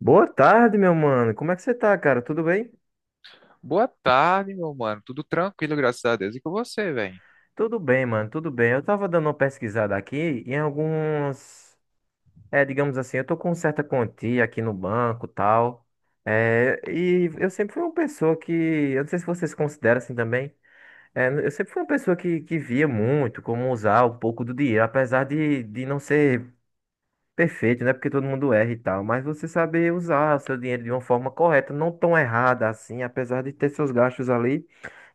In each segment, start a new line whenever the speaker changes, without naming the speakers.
Boa tarde, meu mano. Como é que você tá, cara? Tudo bem?
Boa tarde, meu mano. Tudo tranquilo, graças a Deus. E com você, velho?
Tudo bem, mano, tudo bem. Eu tava dando uma pesquisada aqui em alguns. É, digamos assim, eu tô com certa quantia aqui no banco tal. É, e eu sempre fui uma pessoa que. Eu não sei se vocês consideram assim também. É, eu sempre fui uma pessoa que via muito como usar um pouco do dinheiro, apesar de não ser perfeito, né? Porque todo mundo erra e tal. Mas você saber usar o seu dinheiro de uma forma correta, não tão errada assim, apesar de ter seus gastos ali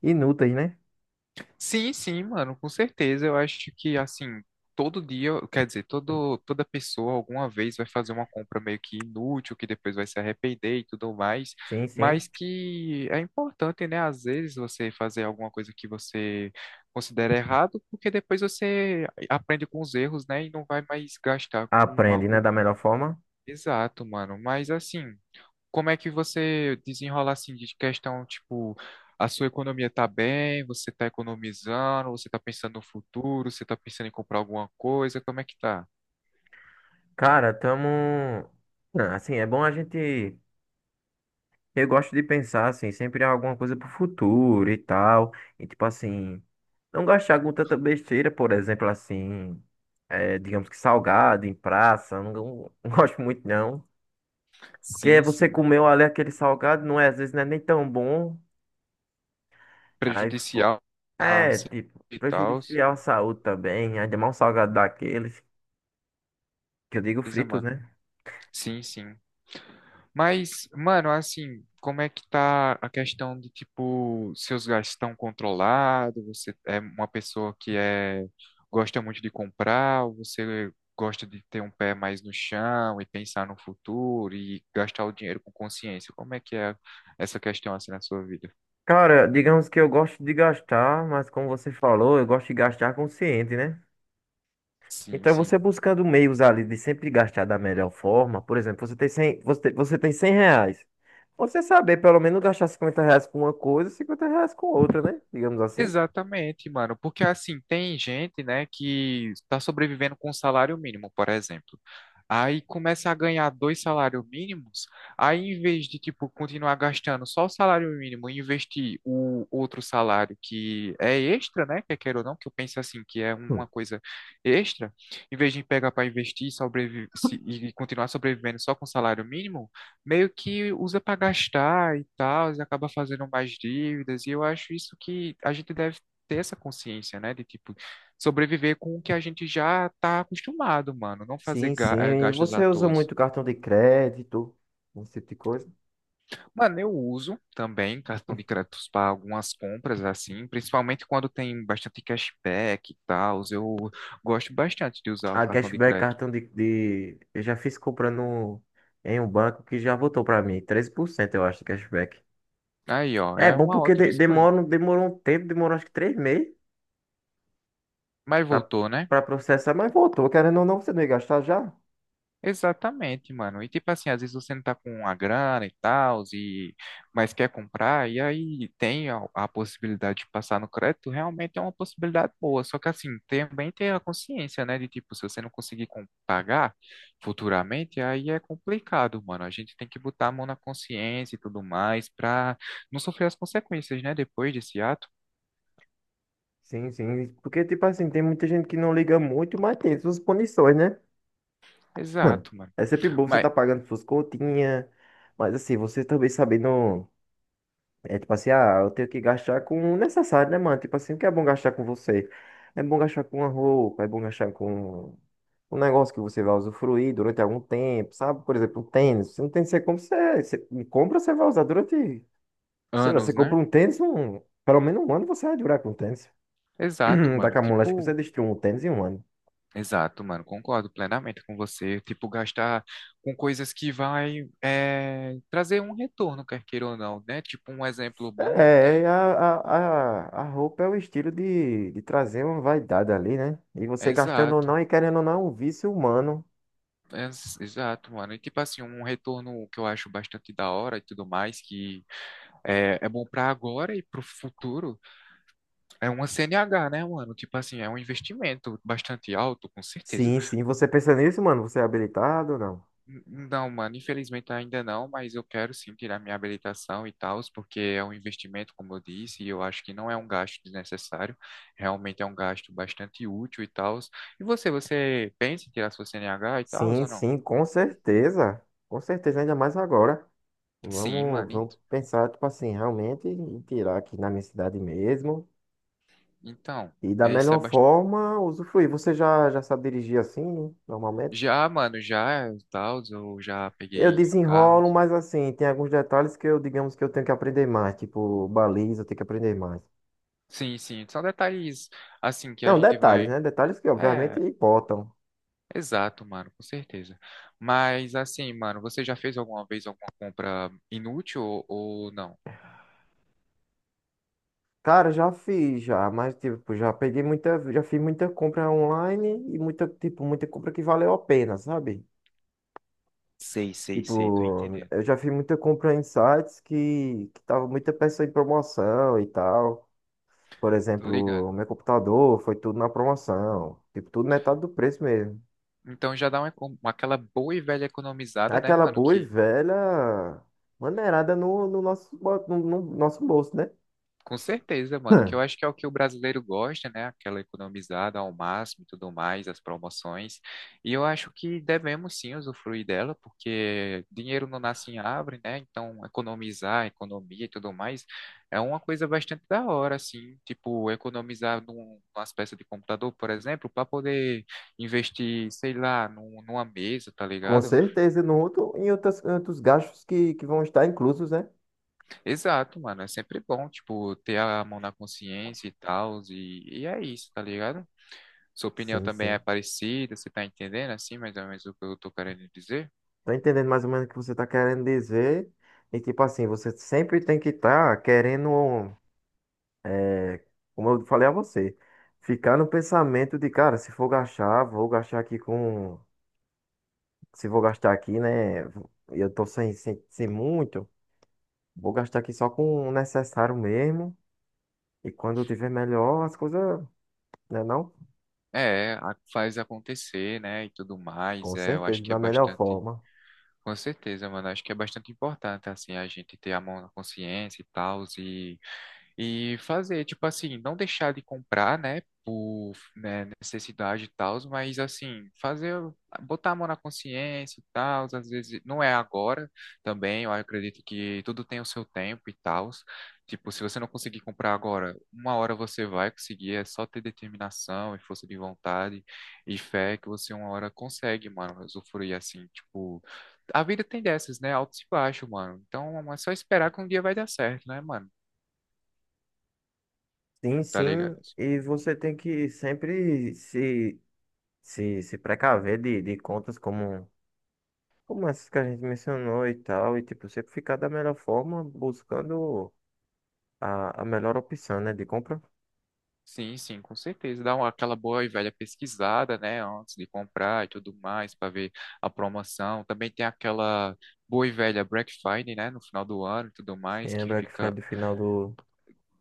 inúteis, né?
Sim, mano, com certeza. Eu acho que, assim, todo dia, quer dizer, toda pessoa alguma vez vai fazer uma compra meio que inútil, que depois vai se arrepender e tudo mais,
Sim,
mas
sim.
que é importante, né? Às vezes você fazer alguma coisa que você considera errado, porque depois você aprende com os erros, né? E não vai mais gastar com
Aprende, né,
algo
da melhor forma.
exato, mano. Mas, assim, como é que você desenrola assim de questão, tipo, a sua economia tá bem, você tá economizando, você tá pensando no futuro, você tá pensando em comprar alguma coisa, como é que tá?
Cara, tamo. Ah, assim, é bom a gente. Eu gosto de pensar, assim, sempre em alguma coisa pro futuro e tal. E, tipo assim, não gastar com tanta besteira, por exemplo, assim, é, digamos que salgado em praça. Não, não não gosto muito, não. Porque
Sim,
você
sim.
comeu ali aquele salgado, não é? Às vezes não é nem tão bom. Aí, pô,
Prejudicial. A
é,
sim,
tipo,
e tal.
prejudicial à saúde também. Ainda mais um salgado daqueles, que eu digo
Beleza,
fritos,
mano.
né?
Sim, sim. Mas, mano, assim, como é que tá a questão de, tipo, seus gastos estão controlados? Você é uma pessoa que é, gosta muito de comprar, ou você gosta de ter um pé mais no chão e pensar no futuro e gastar o dinheiro com consciência? Como é que é essa questão, assim, na sua vida?
Cara, digamos que eu gosto de gastar, mas como você falou, eu gosto de gastar consciente, né?
Sim,
Então você
sim.
buscando meios ali de sempre gastar da melhor forma, por exemplo, você tem 100, você tem 100 reais. Você saber pelo menos gastar 50 reais com uma coisa, 50 reais com outra, né? Digamos assim.
Exatamente, mano, porque assim, tem gente, né, que está sobrevivendo com um salário mínimo, por exemplo. Aí começa a ganhar dois salários mínimos, aí em vez de, tipo, continuar gastando só o salário mínimo e investir o outro salário que é extra, né, que queira ou não, que eu penso assim, que é
Hum.
uma coisa extra, em vez de pegar para investir e e continuar sobrevivendo só com salário mínimo, meio que usa para gastar e tal, e acaba fazendo mais dívidas, e eu acho isso que a gente deve ter essa consciência, né, de tipo sobreviver com o que a gente já tá acostumado, mano, não fazer
Sim, sim. E
gastos à
você usa
toa.
muito cartão de crédito, esse tipo de coisa.
Mano, eu uso também cartão de crédito para algumas compras assim, principalmente quando tem bastante cashback e tal, eu gosto bastante de usar o
A
cartão de
cashback,
crédito.
cartão de... Eu já fiz comprando em um banco que já voltou pra mim, 13%, eu acho, de cashback.
Aí, ó,
É
é
bom
uma
porque
ótima escolha.
demora, demorou um tempo, demorou acho que 3 meses
Mas
pra,
voltou, né?
pra processar, mas voltou. Querendo ou não, você não ia gastar já?
Exatamente, mano. E tipo assim, às vezes você não tá com uma grana e tal, e mas quer comprar, e aí tem a possibilidade de passar no crédito, realmente é uma possibilidade boa. Só que assim, também tem a consciência, né? De tipo, se você não conseguir pagar futuramente, aí é complicado, mano. A gente tem que botar a mão na consciência e tudo mais pra não sofrer as consequências, né? Depois desse ato.
Sim, sim. Porque, tipo assim, tem muita gente que não liga muito, mas tem suas punições, né? Hum.
Exato, mano.
É sempre bom você
Mas
tá pagando suas continhas, mas assim, você também sabendo. É tipo assim, ah, eu tenho que gastar com o necessário, né, mano? Tipo assim, o que é bom gastar com você? É bom gastar com uma roupa, é bom gastar com um negócio que você vai usufruir durante algum tempo, sabe? Por exemplo, um tênis. Se um tênis você compra, você, é. Você compra, você vai usar durante. Sei lá, você
anos,
compra
né?
um tênis, um, pelo menos um ano você vai durar com o tênis.
Exato, mano.
Daqui a um moleque você
Tipo.
destruiu um tênis em um ano.
Exato, mano, concordo plenamente com você. Tipo, gastar com coisas que vai trazer um retorno, quer queira ou não, né? Tipo, um exemplo bom.
É, é, a roupa é o estilo de trazer uma vaidade ali, né? E
é
você gastando ou
Exato,
não e querendo ou não, é um vício humano.
exato, mano. E tipo assim, um retorno que eu acho bastante da hora e tudo mais, que é bom pra agora e pro futuro, é uma CNH, né, mano? Tipo assim, é um investimento bastante alto, com certeza.
Sim, sim. Você pensa nisso, mano? Você é habilitado ou não?
N- Não, mano, infelizmente ainda não, mas eu quero sim tirar minha habilitação e tal, porque é um investimento, como eu disse, e eu acho que não é um gasto desnecessário, realmente é um gasto bastante útil e tal. E você pensa em tirar sua CNH e tal,
Sim,
ou não?
sim, com certeza. Com certeza, ainda mais agora.
Sim,
Vamos,
mano,
vamos pensar, tipo assim, realmente em tirar aqui na minha cidade mesmo.
então,
E da
é, isso é
melhor
bastante.
forma, usufruir. Você já sabe dirigir assim, normalmente?
Já, mano, já e tal, eu já
Eu
peguei
desenrolo,
carros.
mas assim, tem alguns detalhes que eu, digamos que eu tenho que aprender mais. Tipo, baliza, eu tenho que aprender mais.
Sim, sim, são detalhes assim que a
Não,
gente
detalhes,
vai.
né? Detalhes que obviamente
É,
importam.
exato, mano, com certeza. Mas assim, mano, você já fez alguma vez alguma compra inútil ou não?
Cara, já fiz já, mas tipo, já peguei muita, já fiz muita compra online e muita, tipo, muita compra que valeu a pena, sabe?
Sei, sei, sei, tô
Tipo,
entendendo.
eu já fiz muita compra em sites que tava muita peça em promoção e tal. Por
Tô ligado.
exemplo, meu computador foi tudo na promoção. Tipo, tudo metade do preço mesmo.
Então já dá uma, aquela boa e velha economizada, né,
Aquela
mano?
boa e
Que
velha maneirada no, no nosso, no, no nosso bolso, né?
com certeza, mano, que eu
Hum.
acho que é o que o brasileiro gosta, né? Aquela economizada ao máximo e tudo mais, as promoções. E eu acho que devemos sim usufruir dela, porque dinheiro não nasce em árvore, né? Então, economizar, economia e tudo mais é uma coisa bastante da hora, assim. Tipo, economizar numas peças de computador, por exemplo, para poder investir, sei lá, numa mesa, tá
Com
ligado?
certeza, no outro, em outras, em outros gastos que vão estar inclusos, né?
Exato, mano, é sempre bom, tipo, ter a mão na consciência e tal, e é isso, tá ligado? Sua opinião
Sim,
também é
sim.
parecida, você tá entendendo assim, mais ou menos o que eu tô querendo dizer?
Tô entendendo mais ou menos o que você tá querendo dizer. E tipo assim, você sempre tem que estar querendo, é, como eu falei a você, ficar no pensamento de, cara, se for gastar, vou gastar aqui com. Se vou gastar aqui, né? Eu tô sem muito, vou gastar aqui só com o necessário mesmo. E quando eu tiver melhor, as coisas, né, não?
É, faz acontecer, né, e tudo mais,
Com
é, eu acho
certeza,
que é
da melhor
bastante,
forma.
com certeza, mano, acho que é bastante importante, assim, a gente ter a mão na consciência e tal, e fazer, tipo assim, não deixar de comprar, né, por, né, necessidade e tal, mas assim, fazer, botar a mão na consciência e tal, às vezes não é agora também, eu acredito que tudo tem o seu tempo e tal. Tipo, se você não conseguir comprar agora, uma hora você vai conseguir, é só ter determinação e força de vontade e fé que você uma hora consegue, mano, usufruir assim, tipo, a vida tem dessas, né, altos e baixos, mano. Então, é só esperar que um dia vai dar certo, né, mano?
Sim,
Tá
sim.
ligado?
E você tem que sempre se, se precaver de contas como. Como essas que a gente mencionou e tal, e tipo, sempre ficar da melhor forma, buscando a melhor opção, né, de compra.
Sim, sim, com certeza. Dá uma, aquela boa e velha pesquisada, né, antes de comprar e tudo mais, para ver a promoção. Também tem aquela boa e velha Black Friday, né, no final do ano e tudo
Sim,
mais,
é
que
Black Friday
fica
do final do.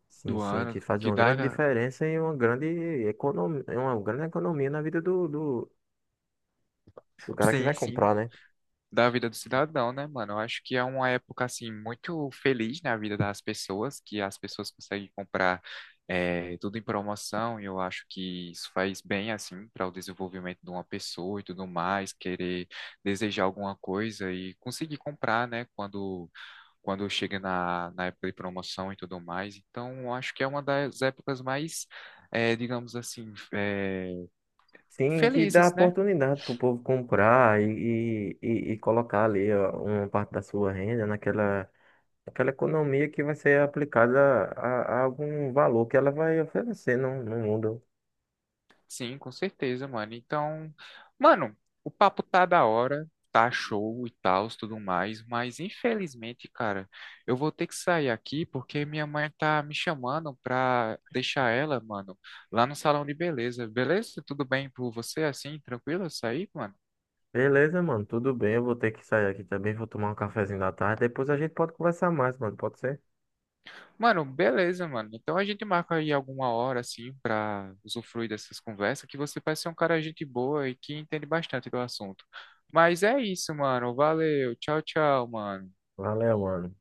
Sim,
do
sim, que
ano,
faz
que
uma grande
dá.
diferença e uma grande economia na vida do cara que vai
Sim, sim,
comprar, né?
da vida do cidadão, né, mano? Eu acho que é uma época, assim, muito feliz na vida das pessoas, que as pessoas conseguem comprar tudo em promoção, e eu acho que isso faz bem, assim, para o desenvolvimento de uma pessoa e tudo mais, querer desejar alguma coisa e conseguir comprar, né, quando chega na, na época de promoção e tudo mais. Então, eu acho que é uma das épocas mais, eh, digamos assim, eh,
Sim, que dá
felizes, né?
oportunidade pro povo comprar e colocar ali ó, uma parte da sua renda naquela, naquela economia que vai ser aplicada a algum valor que ela vai oferecer no, no mundo.
Sim, com certeza, mano. Então, mano, o papo tá da hora, tá show e tal, tudo mais, mas infelizmente, cara, eu vou ter que sair aqui porque minha mãe tá me chamando pra deixar ela, mano, lá no salão de beleza. Beleza? Tudo bem por você assim, tranquilo eu sair, mano?
Beleza, mano, tudo bem. Eu vou ter que sair aqui também, vou tomar um cafezinho da tarde. Depois a gente pode conversar mais, mano, pode ser?
Mano, beleza, mano. Então a gente marca aí alguma hora assim pra usufruir dessas conversas, que você parece ser um cara gente boa e que entende bastante do assunto. Mas é isso, mano. Valeu. Tchau, tchau, mano.
Valeu, mano.